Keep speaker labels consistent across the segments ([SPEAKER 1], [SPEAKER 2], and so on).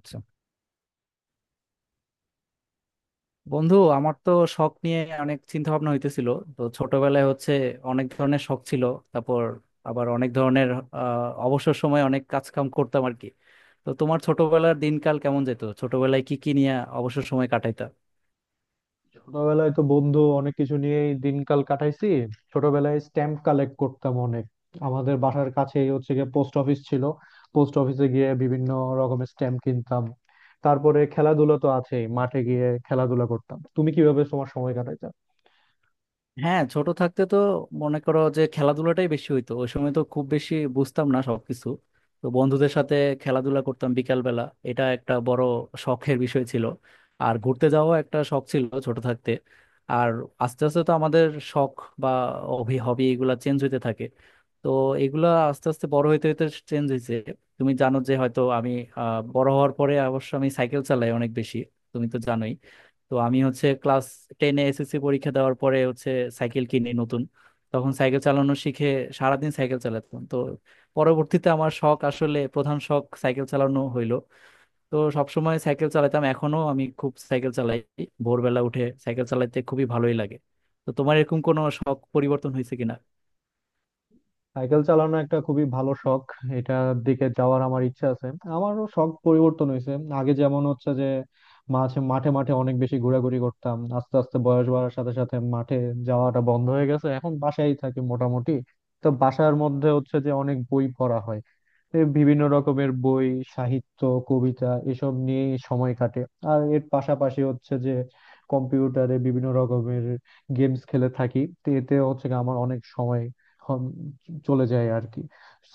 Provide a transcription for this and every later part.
[SPEAKER 1] আচ্ছা বন্ধু, আমার তো শখ নিয়ে অনেক চিন্তা ভাবনা হইতেছিল। তো ছোটবেলায় হচ্ছে অনেক ধরনের শখ ছিল, তারপর আবার অনেক ধরনের অবসর সময় অনেক কাজ কাম করতাম আর কি। তো তোমার ছোটবেলার দিনকাল কেমন যেত, ছোটবেলায় কি কি নিয়ে অবসর সময় কাটাইতা?
[SPEAKER 2] ছোটবেলায় তো বন্ধু অনেক কিছু নিয়েই দিনকাল কাটাইছি। ছোটবেলায় স্ট্যাম্প কালেক্ট করতাম অনেক। আমাদের বাসার কাছেই হচ্ছে গিয়ে পোস্ট অফিস ছিল, পোস্ট অফিসে গিয়ে বিভিন্ন রকমের স্ট্যাম্প কিনতাম। তারপরে খেলাধুলা তো আছেই, মাঠে গিয়ে খেলাধুলা করতাম। তুমি কিভাবে তোমার সময় কাটাইতে?
[SPEAKER 1] হ্যাঁ, ছোট থাকতে তো মনে করো যে খেলাধুলাটাই বেশি হইতো, ওই সময় তো খুব বেশি বুঝতাম না সবকিছু। তো বন্ধুদের সাথে খেলাধুলা করতাম বিকাল বেলা, এটা একটা বড় শখের বিষয় ছিল। আর ঘুরতে যাওয়া একটা শখ ছিল ছোট থাকতে। আর আস্তে আস্তে তো আমাদের শখ বা হবি হবি এগুলা চেঞ্জ হইতে থাকে। তো এগুলা আস্তে আস্তে বড় হইতে হইতে চেঞ্জ হয়েছে। তুমি জানো যে হয়তো আমি বড় হওয়ার পরে অবশ্য আমি সাইকেল চালাই অনেক বেশি, তুমি তো জানোই। তো আমি হচ্ছে ক্লাস টেনে এসএসসি পরীক্ষা দেওয়ার পরে হচ্ছে সাইকেল কিনি নতুন। তখন সাইকেল চালানো শিখে সারাদিন সাইকেল চালাতাম। তো পরবর্তীতে আমার শখ আসলে প্রধান শখ সাইকেল চালানো হইলো। তো সবসময় সাইকেল চালাতাম, এখনো আমি খুব সাইকেল চালাই। ভোরবেলা উঠে সাইকেল চালাতে খুবই ভালোই লাগে। তো তোমার এরকম কোনো শখ পরিবর্তন হয়েছে কিনা?
[SPEAKER 2] সাইকেল চালানো একটা খুবই ভালো শখ, এটার দিকে যাওয়ার আমার ইচ্ছা আছে। আমারও শখ পরিবর্তন হয়েছে। আগে যেমন হচ্ছে যে মাঝে মাঠে মাঠে অনেক বেশি ঘোরাঘুরি করতাম, আস্তে আস্তে বয়স বাড়ার সাথে সাথে মাঠে যাওয়াটা বন্ধ হয়ে গেছে, এখন বাসায় থাকি মোটামুটি। তো বাসার মধ্যে হচ্ছে যে অনেক বই পড়া হয়, এ বিভিন্ন রকমের বই, সাহিত্য, কবিতা এসব নিয়েই সময় কাটে। আর এর পাশাপাশি হচ্ছে যে কম্পিউটারে বিভিন্ন রকমের গেমস খেলে থাকি, তো এতে হচ্ছে গিয়ে আমার অনেক সময় হম চলে যায় আর কি।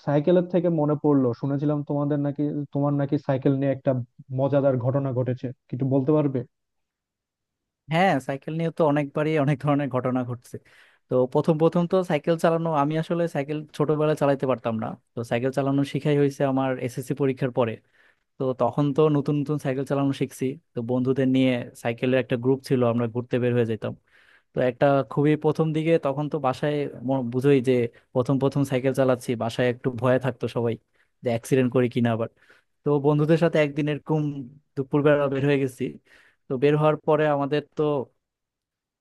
[SPEAKER 2] সাইকেলের থেকে মনে পড়লো, শুনেছিলাম তোমাদের নাকি, তোমার নাকি সাইকেল নিয়ে একটা মজাদার ঘটনা ঘটেছে, কিছু বলতে পারবে?
[SPEAKER 1] হ্যাঁ, সাইকেল নিয়ে তো অনেকবারই অনেক ধরনের ঘটনা ঘটছে। তো প্রথম প্রথম তো সাইকেল চালানো, আমি আসলে সাইকেল ছোটবেলায় চালাতে পারতাম না। তো সাইকেল চালানো শিখাই হয়েছে আমার এসএসসি পরীক্ষার পরে। তো তখন তো নতুন নতুন সাইকেল চালানো শিখছি। তো বন্ধুদের নিয়ে সাইকেলের একটা গ্রুপ ছিল, আমরা ঘুরতে বের হয়ে যেতাম। তো একটা খুবই প্রথম দিকে তখন তো বাসায় বুঝোই যে প্রথম প্রথম সাইকেল চালাচ্ছি, বাসায় একটু ভয়ে থাকতো সবাই যে অ্যাক্সিডেন্ট করি কিনা আবার। তো বন্ধুদের সাথে একদিন এরকম দুপুরবেলা বের হয়ে গেছি। তো বের হওয়ার পরে আমাদের তো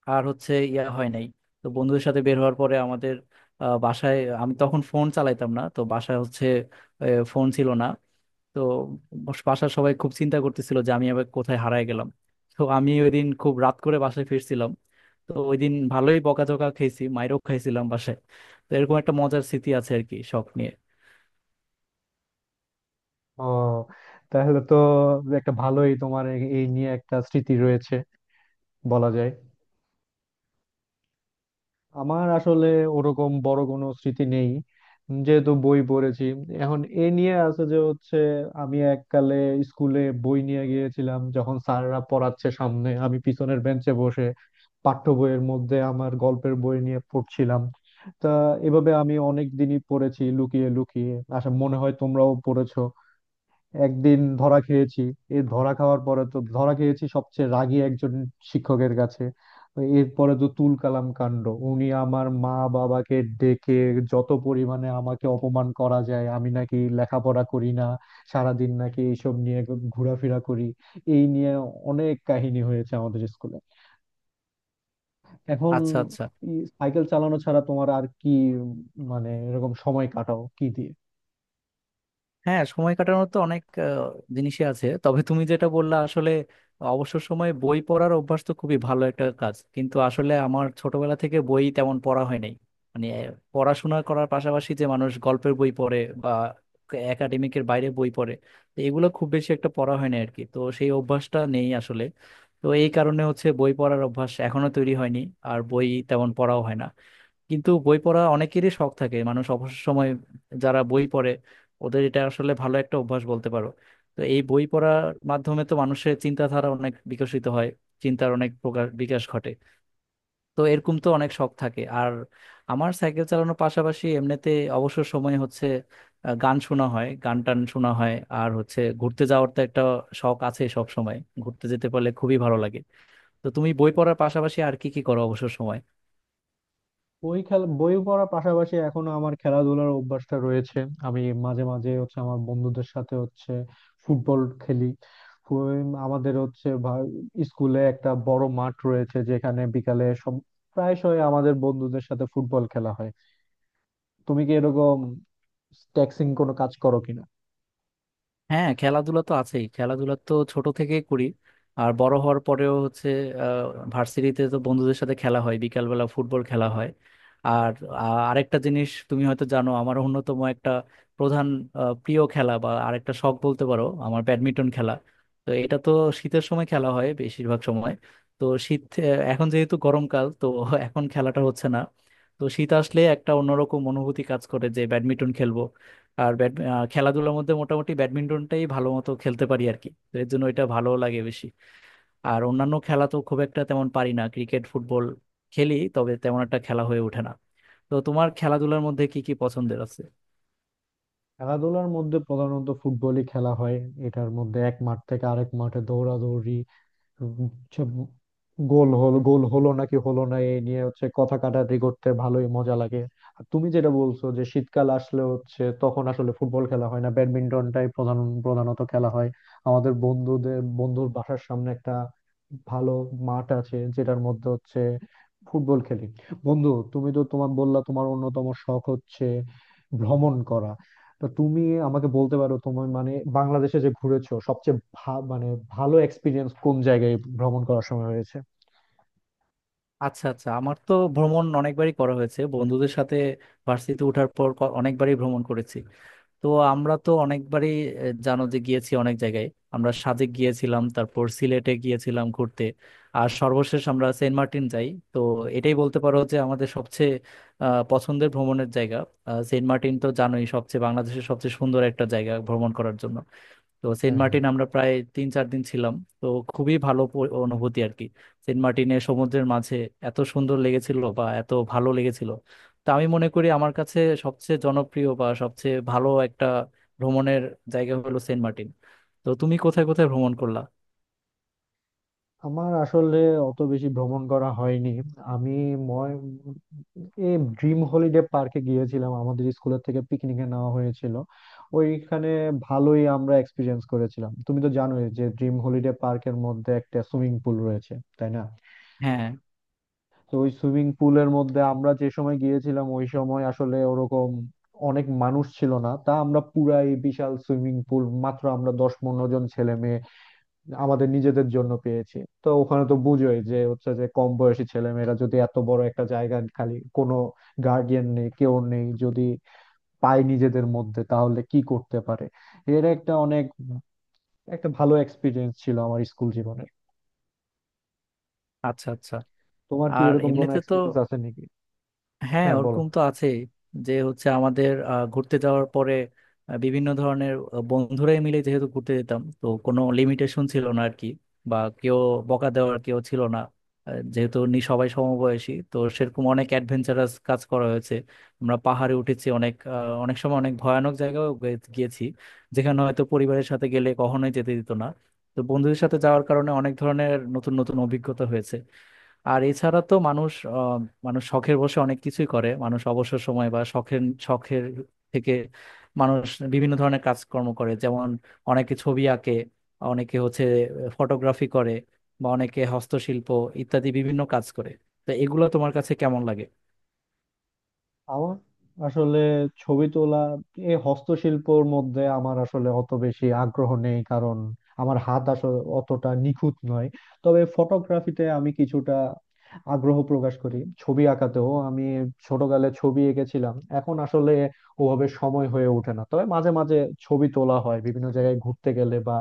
[SPEAKER 1] আর হচ্ছে ইয়া হয় নাই। তো বন্ধুদের সাথে বের হওয়ার পরে আমাদের বাসায়, আমি তখন ফোন চালাইতাম না, তো বাসায় হচ্ছে ফোন ছিল না। তো বাসার সবাই খুব চিন্তা করতেছিল যে আমি আবার কোথায় হারায় গেলাম। তো আমি ওই দিন খুব রাত করে বাসায় ফিরছিলাম। তো ওই দিন ভালোই বকাঝকা খেয়েছি, মাইরও খাইছিলাম বাসায়। তো এরকম একটা মজার স্মৃতি আছে আর কি শখ নিয়ে।
[SPEAKER 2] ও, তাহলে তো একটা ভালোই তোমার এই এই নিয়ে একটা স্মৃতি রয়েছে বলা যায়। আমার আসলে ওরকম বড় কোনো স্মৃতি নেই। যেহেতু বই পড়েছি এখন এ নিয়ে আছে যে হচ্ছে, আমি এককালে স্কুলে বই নিয়ে গিয়েছিলাম, যখন স্যাররা পড়াচ্ছে সামনে আমি পিছনের বেঞ্চে বসে পাঠ্য বইয়ের মধ্যে আমার গল্পের বই নিয়ে পড়ছিলাম। তা এভাবে আমি অনেক দিনই পড়েছি লুকিয়ে লুকিয়ে, আশা মনে হয় তোমরাও পড়েছো। একদিন ধরা খেয়েছি। এই ধরা খাওয়ার পরে তো ধরা খেয়েছি সবচেয়ে রাগী একজন শিক্ষকের কাছে। তো এরপরে তো তুল কালাম কাণ্ড, উনি আমার মা বাবাকে ডেকে যত পরিমাণে আমাকে অপমান করা যায়, আমি নাকি লেখাপড়া করি না, সারাদিন নাকি এইসব নিয়ে ঘোরাফেরা করি। এই নিয়ে অনেক কাহিনী হয়েছে আমাদের স্কুলে। এখন
[SPEAKER 1] আচ্ছা আচ্ছা।
[SPEAKER 2] সাইকেল চালানো ছাড়া তোমার আর কি উম, মানে এরকম সময় কাটাও কি দিয়ে?
[SPEAKER 1] হ্যাঁ, সময় কাটানোর তো অনেক জিনিসই আছে, তবে তুমি যেটা বললা আসলে অবসর সময়ে বই পড়ার অভ্যাস তো খুবই ভালো একটা কাজ, কিন্তু আসলে আমার ছোটবেলা থেকে বই তেমন পড়া হয় নাই। মানে পড়াশোনা করার পাশাপাশি যে মানুষ গল্পের বই পড়ে বা একাডেমিকের বাইরে বই পড়ে, তো এগুলো খুব বেশি একটা পড়া হয় না আর কি, তো সেই অভ্যাসটা নেই আসলে। তো এই কারণে হচ্ছে বই পড়ার অভ্যাস এখনো তৈরি হয়নি, আর বই তেমন পড়াও হয় না। কিন্তু বই পড়া অনেকেরই শখ থাকে, মানুষ অবসর সময় যারা বই পড়ে, ওদের এটা আসলে ভালো একটা অভ্যাস বলতে পারো। তো এই বই পড়ার মাধ্যমে তো মানুষের চিন্তাধারা অনেক বিকশিত হয়, চিন্তার অনেক প্রকার বিকাশ ঘটে। তো এরকম তো অনেক শখ থাকে। আর আমার সাইকেল চালানোর পাশাপাশি এমনিতে অবসর সময় হচ্ছে গান শোনা হয়, গান টান শোনা হয়। আর হচ্ছে ঘুরতে যাওয়ার তো একটা শখ আছে সব সময়, ঘুরতে যেতে পারলে খুবই ভালো লাগে। তো তুমি বই পড়ার পাশাপাশি আর কি কি করো অবসর সময়?
[SPEAKER 2] বই খেলা বই পড়ার পাশাপাশি এখনো আমার খেলাধুলার অভ্যাসটা রয়েছে। আমি মাঝে মাঝে হচ্ছে আমার বন্ধুদের সাথে হচ্ছে ফুটবল খেলি। আমাদের হচ্ছে স্কুলে একটা বড় মাঠ রয়েছে, যেখানে বিকালে সব প্রায়শই আমাদের বন্ধুদের সাথে ফুটবল খেলা হয়। তুমি কি এরকম ট্যাক্সিং কোনো কাজ করো কিনা?
[SPEAKER 1] হ্যাঁ, খেলাধুলা তো আছেই, খেলাধুলা তো ছোট থেকে করি। আর বড় হওয়ার পরেও হচ্ছে ভার্সিটিতে তো বন্ধুদের সাথে খেলা হয়, বিকালবেলা ফুটবল খেলা হয়। আর আরেকটা জিনিস তুমি হয়তো জানো, আমার অন্যতম একটা প্রধান প্রিয় খেলা বা আরেকটা শখ বলতে পারো আমার ব্যাডমিন্টন খেলা। তো এটা তো শীতের সময় খেলা হয় বেশিরভাগ সময়। তো শীত এখন যেহেতু গরমকাল, তো এখন খেলাটা হচ্ছে না। তো শীত আসলে একটা অন্যরকম অনুভূতি কাজ করে যে ব্যাডমিন্টন খেলবো। আর খেলাধুলার মধ্যে মোটামুটি ব্যাডমিন্টনটাই ভালো মতো খেলতে পারি আর কি, তো এর জন্য এটা ভালো লাগে বেশি। আর অন্যান্য খেলা তো খুব একটা তেমন পারি না, ক্রিকেট ফুটবল খেলি তবে তেমন একটা খেলা হয়ে ওঠে না। তো তোমার খেলাধুলার মধ্যে কি কি পছন্দের আছে?
[SPEAKER 2] খেলাধুলার মধ্যে প্রধানত ফুটবলই খেলা হয়, এটার মধ্যে এক মাঠ থেকে আরেক মাঠে দৌড়াদৌড়ি, হচ্ছে গোল হলো গোল হলো নাকি হলো না এই নিয়ে হচ্ছে কথা কাটাকাটি করতে ভালোই মজা লাগে। আর তুমি যেটা বলছো যে শীতকাল আসলে হচ্ছে, তখন আসলে ফুটবল খেলা হয় না, ব্যাডমিন্টনটাই প্রধান, প্রধানত খেলা হয়। আমাদের বন্ধুদের বন্ধুর বাসার সামনে একটা ভালো মাঠ আছে, যেটার মধ্যে হচ্ছে ফুটবল খেলি। বন্ধু, তুমি তো তোমার বললা তোমার অন্যতম শখ হচ্ছে ভ্রমণ করা, তো তুমি আমাকে বলতে পারো তুমি মানে বাংলাদেশে যে ঘুরেছো সবচেয়ে মানে ভালো এক্সপিরিয়েন্স কোন জায়গায় ভ্রমণ করার সময় হয়েছে?
[SPEAKER 1] আচ্ছা আচ্ছা, আমার তো ভ্রমণ অনেকবারই করা হয়েছে বন্ধুদের সাথে। ভার্সিটিতে ওঠার পর অনেকবারই ভ্রমণ করেছি। তো আমরা তো অনেকবারই জানো যে গিয়েছি অনেক জায়গায়। আমরা সাজেক গিয়েছিলাম, তারপর সিলেটে গিয়েছিলাম ঘুরতে। আর সর্বশেষ আমরা সেন্ট মার্টিন যাই। তো এটাই বলতে পারো যে আমাদের সবচেয়ে পছন্দের ভ্রমণের জায়গা। সেন্ট মার্টিন তো জানোই সবচেয়ে, বাংলাদেশের সবচেয়ে সুন্দর একটা জায়গা ভ্রমণ করার জন্য। তো সেন্ট
[SPEAKER 2] হ্যাঁ, হ্যাঁ।
[SPEAKER 1] মার্টিন আমরা প্রায় তিন চার দিন ছিলাম। তো খুবই ভালো অনুভূতি আর কি। সেন্ট মার্টিনে সমুদ্রের মাঝে এত সুন্দর লেগেছিল বা এত ভালো লেগেছিল, তা আমি মনে করি আমার কাছে সবচেয়ে জনপ্রিয় বা সবচেয়ে ভালো একটা ভ্রমণের জায়গা হলো সেন্ট মার্টিন। তো তুমি কোথায় কোথায় ভ্রমণ করলা?
[SPEAKER 2] আমার আসলে অত বেশি ভ্রমণ করা হয়নি। আমি ময় এই ড্রিম হলিডে পার্কে গিয়েছিলাম, আমাদের স্কুলের থেকে পিকনিকে নেওয়া হয়েছিল ওইখানে। ভালোই আমরা এক্সপিরিয়েন্স করেছিলাম। তুমি তো জানোই যে ড্রিম হলিডে পার্কের মধ্যে একটা সুইমিং পুল রয়েছে, তাই না?
[SPEAKER 1] হ্যাঁ।
[SPEAKER 2] তো ওই সুইমিং পুলের মধ্যে আমরা যে সময় গিয়েছিলাম, ওই সময় আসলে ওরকম অনেক মানুষ ছিল না, তা আমরা পুরা এই বিশাল সুইমিং পুল মাত্র আমরা 10-15 জন ছেলে আমাদের নিজেদের জন্য পেয়েছি। তো ওখানে তো বুঝোই যে হচ্ছে যে কম বয়সী ছেলে মেয়েরা যদি এত বড় একটা জায়গা খালি, কোনো গার্ডিয়ান নেই, কেউ নেই, যদি পায় নিজেদের মধ্যে, তাহলে কি করতে পারে। এর একটা অনেক একটা ভালো এক্সপিরিয়েন্স ছিল আমার স্কুল জীবনে।
[SPEAKER 1] আচ্ছা আচ্ছা।
[SPEAKER 2] তোমার কি
[SPEAKER 1] আর
[SPEAKER 2] এরকম কোনো
[SPEAKER 1] এমনিতে তো
[SPEAKER 2] এক্সপিরিয়েন্স আছে নাকি?
[SPEAKER 1] হ্যাঁ
[SPEAKER 2] হ্যাঁ, বলো।
[SPEAKER 1] ওরকম তো আছে যে হচ্ছে আমাদের ঘুরতে যাওয়ার পরে বিভিন্ন ধরনের বন্ধুরাই মিলে যেহেতু ঘুরতে যেতাম, তো কোনো লিমিটেশন ছিল না আর কি। বা কেউ বকা দেওয়ার কেউ ছিল না। যেহেতু নি সবাই সমবয়সী, তো সেরকম অনেক অ্যাডভেঞ্চারাস কাজ করা হয়েছে। আমরা পাহাড়ে উঠেছি অনেক, অনেক সময় অনেক ভয়ানক জায়গায় গিয়েছি যেখানে হয়তো পরিবারের সাথে গেলে কখনোই যেতে দিত না। তো বন্ধুদের সাথে যাওয়ার কারণে অনেক ধরনের নতুন নতুন অভিজ্ঞতা হয়েছে। আর এছাড়া তো মানুষ শখের বসে অনেক কিছুই করে। মানুষ অবসর সময় বা শখের শখের থেকে মানুষ বিভিন্ন ধরনের কাজকর্ম করে। যেমন অনেকে ছবি আঁকে, অনেকে হচ্ছে ফটোগ্রাফি করে, বা অনেকে হস্তশিল্প ইত্যাদি বিভিন্ন কাজ করে। তো এগুলো তোমার কাছে কেমন লাগে?
[SPEAKER 2] আমার আসলে ছবি তোলা এই হস্তশিল্পর মধ্যে আমার আসলে অত বেশি আগ্রহ নেই, কারণ আমার হাত আসলে অতটা নিখুঁত নয়। তবে ফটোগ্রাফিতে আমি কিছুটা আগ্রহ প্রকাশ করি, ছবি আঁকাতেও আমি ছোটকালে ছবি এঁকেছিলাম। এখন আসলে ওভাবে সময় হয়ে ওঠে না, তবে মাঝে মাঝে ছবি তোলা হয় বিভিন্ন জায়গায় ঘুরতে গেলে, বা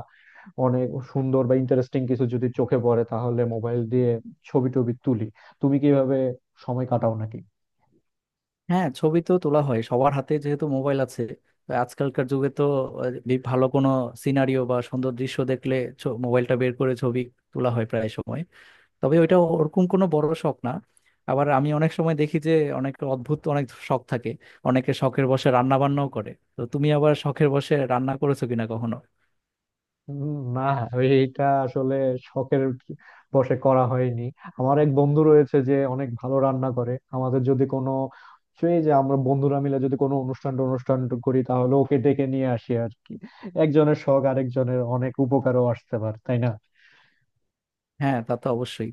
[SPEAKER 2] অনেক সুন্দর বা ইন্টারেস্টিং কিছু যদি চোখে পড়ে, তাহলে মোবাইল দিয়ে ছবি টবি তুলি। তুমি কিভাবে সময় কাটাও নাকি?
[SPEAKER 1] হ্যাঁ, ছবি তো তোলা হয় সবার হাতে যেহেতু মোবাইল আছে। তো আজকালকার যুগে তো ভালো কোনো সিনারিও বা সুন্দর দৃশ্য দেখলে মোবাইলটা বের করে ছবি তোলা হয় প্রায় সময়। তবে ওইটা ওরকম কোনো বড় শখ না। আবার আমি অনেক সময় দেখি যে অনেক অদ্ভুত অনেক শখ থাকে, অনেকে শখের বসে রান্না বান্নাও করে। তো তুমি আবার শখের বসে রান্না করেছো কিনা কখনো?
[SPEAKER 2] না, এইটা আসলে শখের বশে করা হয়নি। আমার এক বন্ধু রয়েছে যে অনেক ভালো রান্না করে, আমাদের যদি কোনো, সেই যে আমরা বন্ধুরা মিলে যদি কোনো অনুষ্ঠান অনুষ্ঠান করি তাহলে ওকে ডেকে নিয়ে আসি আর কি। একজনের শখ আরেকজনের অনেক উপকারও আসতে পারে, তাই না?
[SPEAKER 1] হ্যাঁ, তা তো অবশ্যই।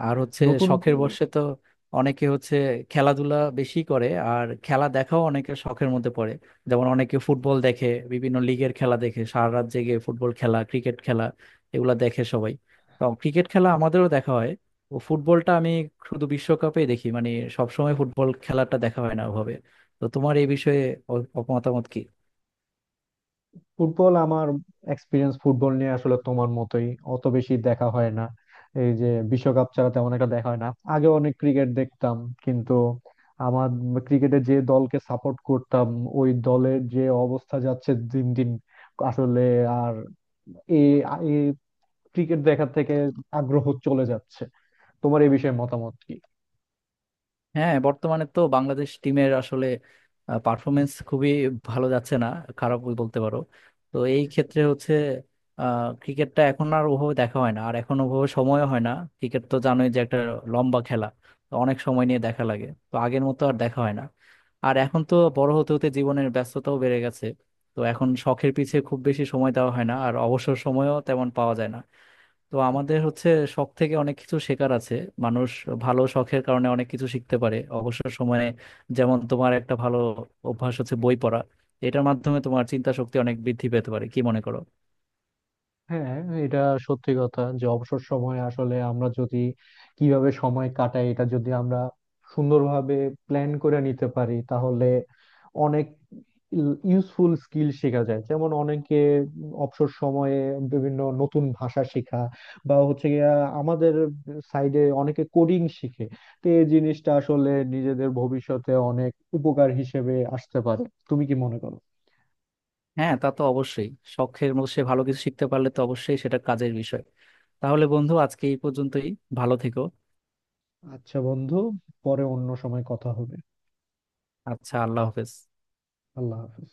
[SPEAKER 1] আর হচ্ছে
[SPEAKER 2] নতুন
[SPEAKER 1] শখের বশে তো অনেকে হচ্ছে খেলাধুলা বেশি করে, আর খেলা দেখাও অনেকের শখের মধ্যে পড়ে। যেমন অনেকে ফুটবল দেখে, বিভিন্ন লিগের খেলা দেখে, সারা রাত জেগে ফুটবল খেলা, ক্রিকেট খেলা এগুলা দেখে সবাই। তো ক্রিকেট খেলা আমাদেরও দেখা হয়। ও ফুটবলটা আমি শুধু বিশ্বকাপেই দেখি, মানে সবসময় ফুটবল খেলাটা দেখা হয় না ওভাবে। তো তোমার এই বিষয়ে মতামত কি?
[SPEAKER 2] ফুটবল আমার এক্সপিরিয়েন্স ফুটবল নিয়ে আসলে তোমার মতোই অত বেশি দেখা হয় না, এই যে বিশ্বকাপ ছাড়া তেমন একটা দেখা হয় না। আগে অনেক ক্রিকেট দেখতাম, কিন্তু আমার ক্রিকেটে যে দলকে সাপোর্ট করতাম ওই দলের যে অবস্থা যাচ্ছে দিন দিন আসলে, আর এ ক্রিকেট দেখার থেকে আগ্রহ চলে যাচ্ছে। তোমার এই বিষয়ে মতামত কি?
[SPEAKER 1] হ্যাঁ, বর্তমানে তো বাংলাদেশ টিমের আসলে পারফরমেন্স খুবই ভালো যাচ্ছে না, খারাপ বলতে পারো। তো এই ক্ষেত্রে হচ্ছে ক্রিকেটটা এখন আর ওভাবে দেখা হয় না, আর এখন ওভাবে সময়ও হয় না। ক্রিকেট তো জানোই যে একটা লম্বা খেলা, তো অনেক সময় নিয়ে দেখা লাগে, তো আগের মতো আর দেখা হয় না। আর এখন তো বড় হতে হতে জীবনের ব্যস্ততাও বেড়ে গেছে। তো এখন শখের পিছে খুব বেশি সময় দেওয়া হয় না, আর অবসর সময়ও তেমন পাওয়া যায় না। তো আমাদের হচ্ছে শখ থেকে অনেক কিছু শেখার আছে। মানুষ ভালো শখের কারণে অনেক কিছু শিখতে পারে অবসর সময়ে। যেমন তোমার একটা ভালো অভ্যাস হচ্ছে বই পড়া, এটার মাধ্যমে তোমার চিন্তা শক্তি অনেক বৃদ্ধি পেতে পারে, কি মনে করো?
[SPEAKER 2] হ্যাঁ, এটা সত্যি কথা যে অবসর সময়ে আসলে আমরা যদি কিভাবে সময় কাটাই, এটা যদি আমরা সুন্দরভাবে প্ল্যান করে নিতে পারি, তাহলে অনেক ইউজফুল স্কিল শেখা যায়। যেমন অনেকে অবসর সময়ে বিভিন্ন নতুন ভাষা শেখা, বা হচ্ছে গিয়া আমাদের সাইডে অনেকে কোডিং শিখে। তো এই জিনিসটা আসলে নিজেদের ভবিষ্যতে অনেক উপকার হিসেবে আসতে পারে, তুমি কি মনে করো?
[SPEAKER 1] হ্যাঁ, তা তো অবশ্যই, শখের মধ্যে সে ভালো কিছু শিখতে পারলে তো অবশ্যই সেটা কাজের বিষয়। তাহলে বন্ধু আজকে এই পর্যন্তই, ভালো থেকো।
[SPEAKER 2] আচ্ছা বন্ধু, পরে অন্য সময় কথা হবে।
[SPEAKER 1] আচ্ছা, আল্লাহ হাফেজ।
[SPEAKER 2] আল্লাহ হাফেজ।